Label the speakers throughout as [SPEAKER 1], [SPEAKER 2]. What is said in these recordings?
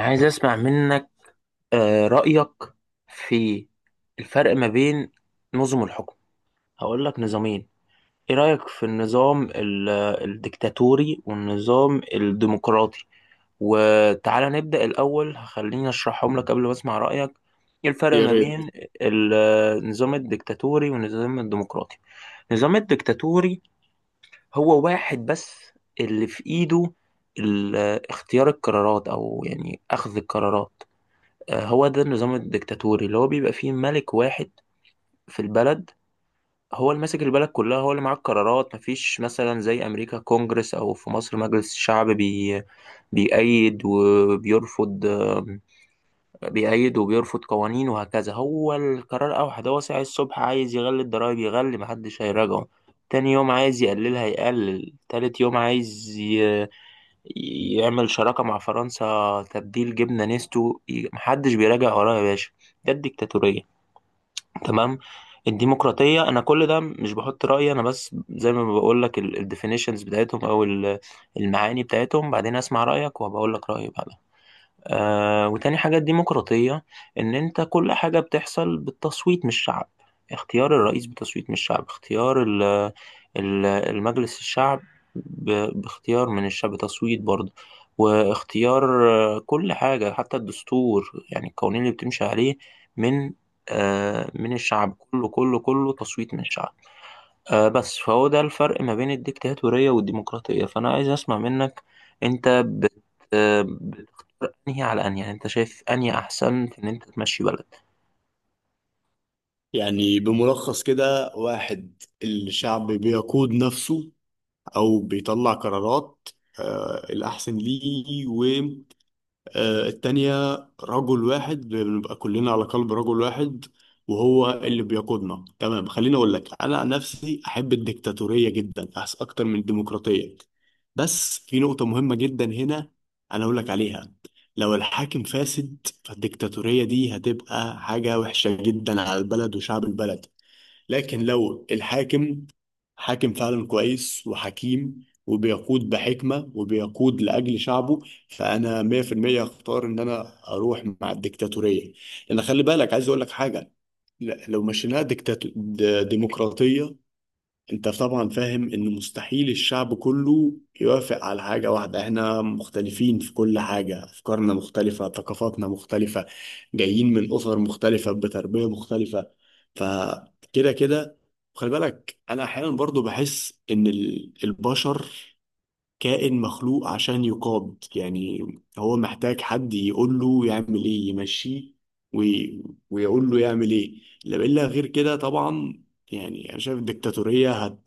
[SPEAKER 1] عايز اسمع منك. رأيك في الفرق ما بين نظم الحكم. هقول لك نظامين، ايه رأيك في النظام الديكتاتوري والنظام الديمقراطي. وتعالى نبدأ الأول، خليني أشرحهم لك قبل ما أسمع رأيك. إيه الفرق
[SPEAKER 2] يا
[SPEAKER 1] ما
[SPEAKER 2] ريت.
[SPEAKER 1] بين ال- النظام الديكتاتوري والنظام الديمقراطي؟ النظام الديكتاتوري هو واحد بس اللي في إيده ال- اختيار القرارات، أو يعني أخذ القرارات. آه، هو ده النظام الديكتاتوري اللي هو بيبقى فيه ملك واحد في البلد، هو اللي ماسك البلد كلها، هو اللي معاه القرارات. مفيش مثلا زي أمريكا كونجرس، أو في مصر مجلس الشعب بيأيد وبيرفض. بيأيد وبيرفض قوانين وهكذا. هو القرار أوحد، هو ساعة الصبح عايز يغلي الضرايب يغلي، محدش هيراجعه. تاني يوم عايز يقللها يقلل، تالت يوم عايز يعمل شراكة مع فرنسا، تبديل جبنة نستو محدش بيراجع وراه يا باشا. ده الديكتاتورية، تمام؟ الديمقراطية، أنا كل ده مش بحط رأيي، أنا بس زي ما بقول لك الديفينيشنز بتاعتهم أو المعاني بتاعتهم، بعدين أسمع رأيك وبقول لك رأيي بعدها. آه، وتاني حاجة الديمقراطية، إن أنت كل حاجة بتحصل بالتصويت من الشعب. اختيار الرئيس بتصويت من الشعب، اختيار ال المجلس الشعب باختيار من الشعب بتصويت برضه، واختيار، آه، كل حاجة حتى الدستور، يعني القوانين اللي بتمشي عليه من، آه، من الشعب. كله كله كله تصويت من الشعب. آه بس، فهو ده الفرق ما بين الديكتاتورية والديمقراطية. فأنا عايز أسمع منك، أنت بت آه، انهي على انهي، يعني انت شايف انهي احسن في ان انت تمشي بلد.
[SPEAKER 2] يعني بملخص كده، واحد الشعب بيقود نفسه أو بيطلع قرارات. آه، الأحسن ليه؟ آه، التانية رجل واحد، بنبقى كلنا على قلب رجل واحد وهو اللي بيقودنا. تمام، خليني اقول لك، انا عن نفسي احب الديكتاتورية جدا، أحس اكتر من الديمقراطية. بس في نقطة مهمة جدا هنا انا اقول لك عليها. لو الحاكم فاسد فالديكتاتورية دي هتبقى حاجة وحشة جدا على البلد وشعب البلد. لكن لو الحاكم حاكم فعلا كويس وحكيم وبيقود بحكمة وبيقود لأجل شعبه، فأنا 100% هختار إن أنا أروح مع الديكتاتورية. لأن خلي بالك، عايز أقول لك حاجة، لو مشيناها ديمقراطية، انت طبعا فاهم ان مستحيل الشعب كله يوافق على حاجة واحدة. احنا مختلفين في كل حاجة، افكارنا مختلفة، ثقافاتنا مختلفة، جايين من اسر مختلفة بتربية مختلفة. فكده كده خلي بالك، انا احيانا برضو بحس ان البشر كائن مخلوق عشان يقاد يعني. هو محتاج حد يقول له يعمل ايه، يمشيه وي... ويقول له يعمل ايه، لا الا غير كده طبعا. يعني انا شايف الدكتاتوريه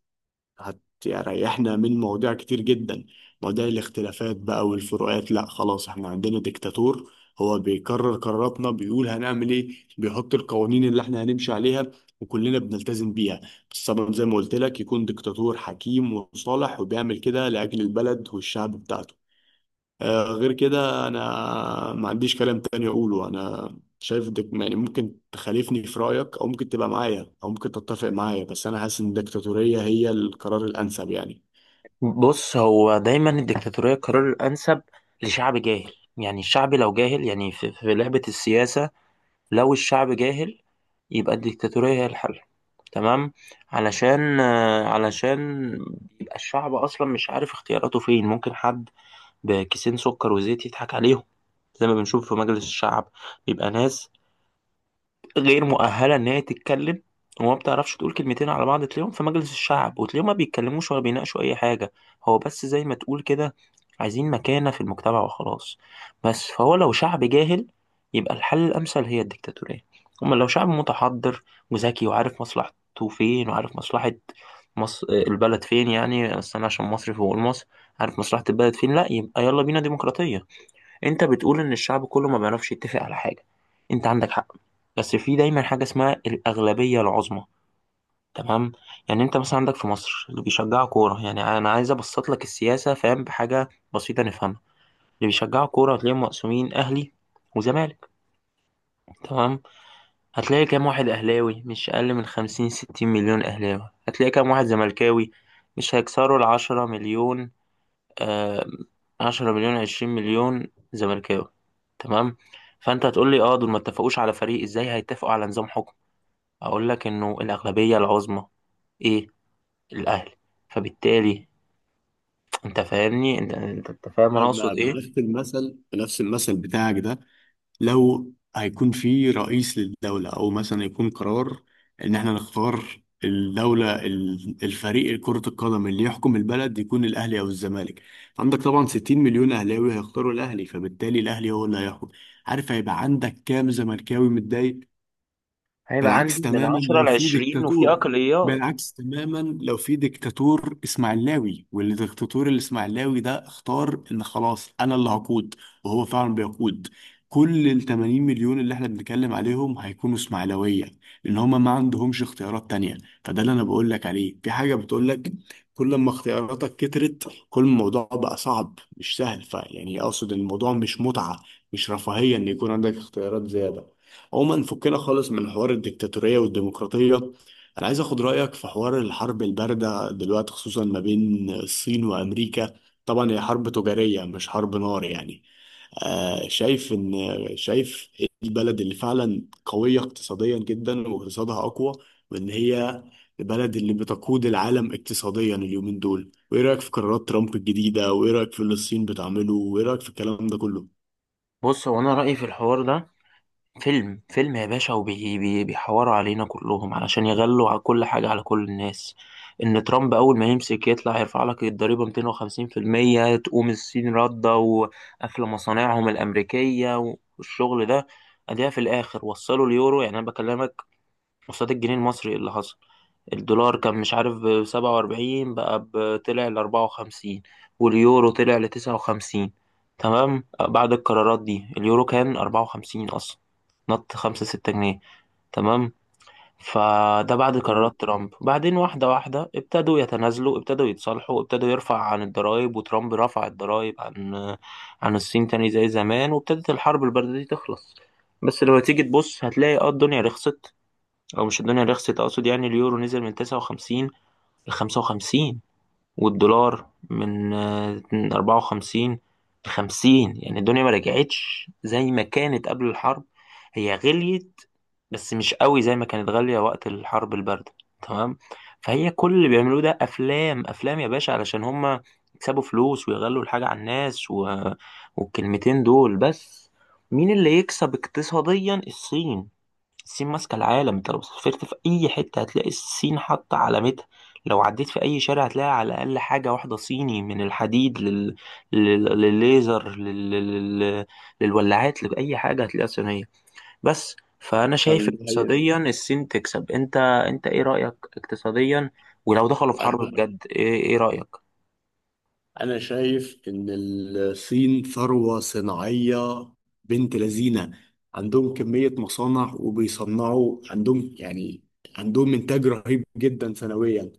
[SPEAKER 2] هتريحنا من مواضيع كتير جدا، مواضيع الاختلافات بقى والفروقات. لا خلاص، احنا عندنا ديكتاتور، هو بيكرر قراراتنا، بيقول هنعمل ايه، بيحط القوانين اللي احنا هنمشي عليها وكلنا بنلتزم بيها. السبب زي ما قلت لك، يكون ديكتاتور حكيم وصالح وبيعمل كده لأجل البلد والشعب بتاعته. آه، غير كده انا ما عنديش كلام تاني اقوله. انا شايف دك يعني، ممكن تخالفني في رايك او ممكن تبقى معايا او ممكن تتفق معايا، بس انا حاسس ان الدكتاتوريه هي القرار الانسب يعني.
[SPEAKER 1] بص، هو دايما الدكتاتورية القرار الانسب لشعب جاهل. يعني الشعب لو جاهل، يعني في لعبة السياسة، لو الشعب جاهل، يبقى الدكتاتورية هي الحل. تمام؟ علشان، آه، علشان يبقى الشعب اصلا مش عارف اختياراته فين. ممكن حد بكيسين سكر وزيت يضحك عليهم، زي ما بنشوف في مجلس الشعب بيبقى ناس غير مؤهلة إن هي تتكلم وما بتعرفش تقول كلمتين على بعض، تلاقيهم في مجلس الشعب وتلاقيهم ما بيتكلموش ولا بيناقشوا أي حاجة. هو بس زي ما تقول كده، عايزين مكانة في المجتمع وخلاص. بس، فهو لو شعب جاهل يبقى الحل الأمثل هي الديكتاتورية. أما لو شعب متحضر وذكي وعارف مصلحته فين، وعارف مصلحة مصر البلد فين، يعني بس أنا عشان مصري فبقول مصر، عارف مصلحة البلد فين، لأ يبقى يلا بينا ديمقراطية. انت بتقول ان الشعب كله ما بيعرفش يتفق على حاجة. انت عندك حق، بس في دايما حاجة اسمها الأغلبية العظمى. تمام؟ يعني انت مثلا عندك في مصر اللي بيشجعوا كورة، يعني انا عايز ابسط لك السياسة، فاهم، بحاجة بسيطة نفهمها. اللي بيشجعوا كورة هتلاقيهم مقسومين اهلي وزمالك، تمام؟ هتلاقي كام واحد اهلاوي؟ مش اقل من 50 60 مليون اهلاوي. هتلاقي كام واحد زملكاوي؟ مش هيكسروا العشرة مليون. آه، 10 مليون 20 مليون زملكاوي، تمام؟ فانت هتقول لي اه، دول ما اتفقوش على فريق، ازاي هيتفقوا على نظام حكم؟ اقول لك انه الاغلبيه العظمى. ايه؟ الاهلي. فبالتالي انت فاهمني، انت أنت فاهم انا
[SPEAKER 2] طيب،
[SPEAKER 1] اقصد
[SPEAKER 2] ما
[SPEAKER 1] ايه.
[SPEAKER 2] بنفس المثل، بنفس المثل بتاعك ده، لو هيكون في رئيس للدولة أو مثلا يكون قرار إن إحنا نختار الدولة الفريق كرة القدم اللي يحكم البلد، يكون الأهلي أو الزمالك. عندك طبعا 60 مليون أهلاوي هيختاروا الأهلي، فبالتالي الأهلي هو اللي هيحكم. عارف هيبقى عندك كام زملكاوي متضايق؟
[SPEAKER 1] هيبقى عندي
[SPEAKER 2] بالعكس
[SPEAKER 1] من
[SPEAKER 2] تماما
[SPEAKER 1] 10
[SPEAKER 2] لو
[SPEAKER 1] ل
[SPEAKER 2] في
[SPEAKER 1] 20 وفي
[SPEAKER 2] ديكتاتور،
[SPEAKER 1] اقليات.
[SPEAKER 2] بالعكس تماما لو في ديكتاتور اسماعيلاوي والديكتاتور الاسماعيلاوي ده اختار ان خلاص انا اللي هقود، وهو فعلا بيقود. كل ال 80 مليون اللي احنا بنتكلم عليهم هيكونوا اسماعيلاويه، لان هما ما عندهمش اختيارات تانية. فده اللي انا بقول لك عليه، في حاجه بتقول لك كل ما اختياراتك كترت كل ما الموضوع بقى صعب مش سهل. فيعني اقصد ان الموضوع مش متعه، مش رفاهيه ان يكون عندك اختيارات زياده. عموما، فكنا خالص من حوار الديكتاتورية والديمقراطية. أنا عايز أخد رأيك في حوار الحرب الباردة دلوقتي، خصوصا ما بين الصين وأمريكا. طبعا هي حرب تجارية مش حرب نار يعني. آه، شايف إيه البلد اللي فعلا قوية اقتصاديا جدا واقتصادها أقوى، وإن هي البلد اللي بتقود العالم اقتصاديا اليومين دول؟ وإيه رأيك في قرارات ترامب الجديدة، وإيه رأيك في اللي الصين بتعمله، وإيه رأيك في الكلام ده كله؟
[SPEAKER 1] بص، هو انا رايي في الحوار ده، فيلم فيلم يا باشا، وبيحوروا علينا كلهم علشان يغلوا على كل حاجة، على كل الناس. إن ترامب أول ما يمسك يطلع يرفع لك الضريبة 250%، تقوم الصين ردة وقافلة مصانعهم الأمريكية والشغل ده، أديها في الآخر وصلوا اليورو، يعني أنا بكلمك قصاد الجنيه المصري اللي حصل، الدولار كان مش عارف بـ47، بقى طلع لـ54، واليورو طلع لـ59. تمام؟ بعد القرارات دي، اليورو كان 54 أصلا، نط خمسة ستة جنيه، تمام؟ فده بعد
[SPEAKER 2] تمام.
[SPEAKER 1] قرارات ترامب. بعدين واحدة واحدة ابتدوا يتنازلوا، ابتدوا يتصالحوا، ابتدوا يرفع عن الضرائب، وترامب رفع الضرائب عن، عن الصين تاني زي زمان، وابتدت الحرب الباردة دي تخلص. بس لما تيجي تبص هتلاقي اه الدنيا رخصت، او مش الدنيا رخصت، اقصد يعني اليورو نزل من 59 ل 55، والدولار من، آه، 54 ل 50. يعني الدنيا ما رجعتش زي ما كانت قبل الحرب، هي غليت بس مش قوي زي ما كانت غالية وقت الحرب الباردة. تمام؟ فهي كل اللي بيعملوه ده افلام افلام يا باشا علشان هما يكسبوا فلوس ويغلوا الحاجة على الناس والكلمتين دول بس. مين اللي يكسب اقتصاديا؟ الصين. الصين ماسكة العالم. انت لو سافرت في أي حتة هتلاقي الصين حاطة علامتها، لو عديت في أي شارع هتلاقي على الأقل حاجة واحدة صيني، من الحديد للليزر لل... للولاعات، لأي حاجة هتلاقيها صينية. بس، فأنا شايف
[SPEAKER 2] فعلاً دي
[SPEAKER 1] اقتصاديا الصين تكسب. انت ايه رأيك اقتصاديا ولو دخلوا في حرب
[SPEAKER 2] حقيقة.
[SPEAKER 1] بجد؟ ايه رأيك؟
[SPEAKER 2] أنا شايف إن الصين ثروة صناعية بنت لذينة، عندهم كمية مصانع وبيصنعوا عندهم يعني، عندهم إنتاج رهيب جدا سنويا.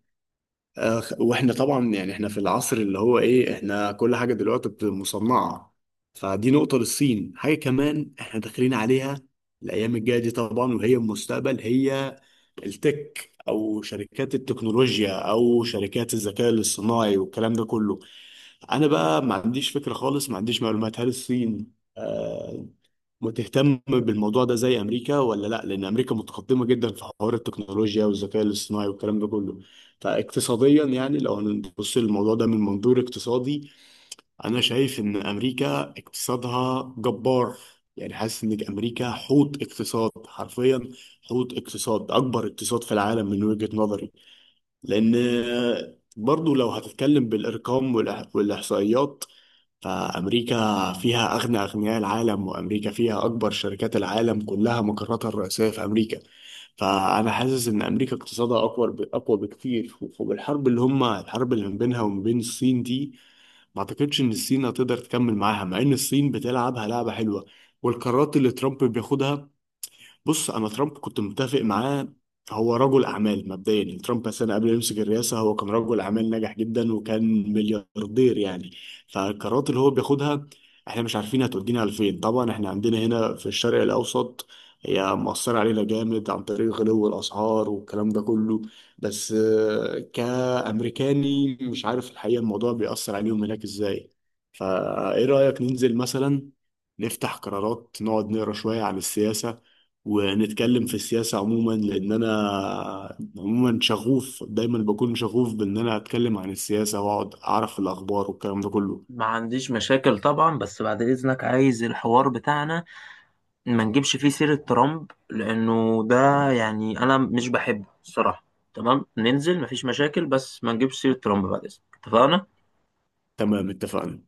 [SPEAKER 2] آه، وإحنا طبعا يعني، إحنا في العصر اللي هو إيه، إحنا كل حاجة دلوقتي بتبقى مصنعة، فدي نقطة للصين. حاجة كمان إحنا داخلين عليها الأيام الجاية دي طبعا، وهي المستقبل، هي التك أو شركات التكنولوجيا أو شركات الذكاء الاصطناعي والكلام ده كله. انا بقى ما عنديش فكره خالص، ما عنديش معلومات، هل الصين آه، متهتم بالموضوع ده زي امريكا ولا لا، لان امريكا متقدمه جدا في حوار التكنولوجيا والذكاء الاصطناعي والكلام ده كله. فاقتصاديا يعني، لو هنبص للموضوع ده من منظور اقتصادي، انا شايف ان امريكا اقتصادها جبار. يعني حاسس ان امريكا حوت اقتصاد حرفيا، حوت اقتصاد، اكبر اقتصاد في العالم من وجهة نظري. لان آه، برضو لو هتتكلم بالارقام والاحصائيات، فأمريكا فيها أغنى أغنياء العالم، وأمريكا فيها أكبر شركات العالم كلها مقراتها الرئيسية في أمريكا. فأنا حاسس إن أمريكا اقتصادها أقوى أقوى بكتير. وبالحرب اللي الحرب اللي ما بينها وما بين الصين دي، ما أعتقدش إن الصين هتقدر تكمل معاها، مع إن الصين بتلعبها لعبة حلوة. والقرارات اللي ترامب بياخدها، بص، انا ترامب كنت متفق معاه. هو رجل اعمال مبدئيا، يعني ترامب مثلا قبل ما يمسك الرئاسه هو كان رجل اعمال ناجح جدا وكان ملياردير يعني. فالقرارات اللي هو بياخدها احنا مش عارفين هتودينا لفين طبعا. احنا عندنا هنا في الشرق الاوسط هي مؤثره علينا جامد عن طريق غلو الاسعار والكلام ده كله، بس آه، كامريكاني مش عارف الحقيقه الموضوع بيأثر عليهم هناك ازاي. فايه رايك ننزل مثلا نفتح قرارات، نقعد نقرا شويه عن السياسه ونتكلم في السياسة عموما؟ لأن أنا عموما شغوف، دايما بكون شغوف بإن أنا أتكلم عن السياسة وأقعد أعرف الأخبار والكلام ده كله.
[SPEAKER 1] ما عنديش مشاكل طبعا، بس بعد إذنك عايز الحوار بتاعنا ما نجيبش فيه سيرة ترامب، لأنه ده يعني أنا مش بحبه الصراحة. تمام؟ ننزل مفيش مشاكل، بس ما نجيبش سيرة ترامب بعد إذنك، اتفقنا؟
[SPEAKER 2] تمام اتفقنا.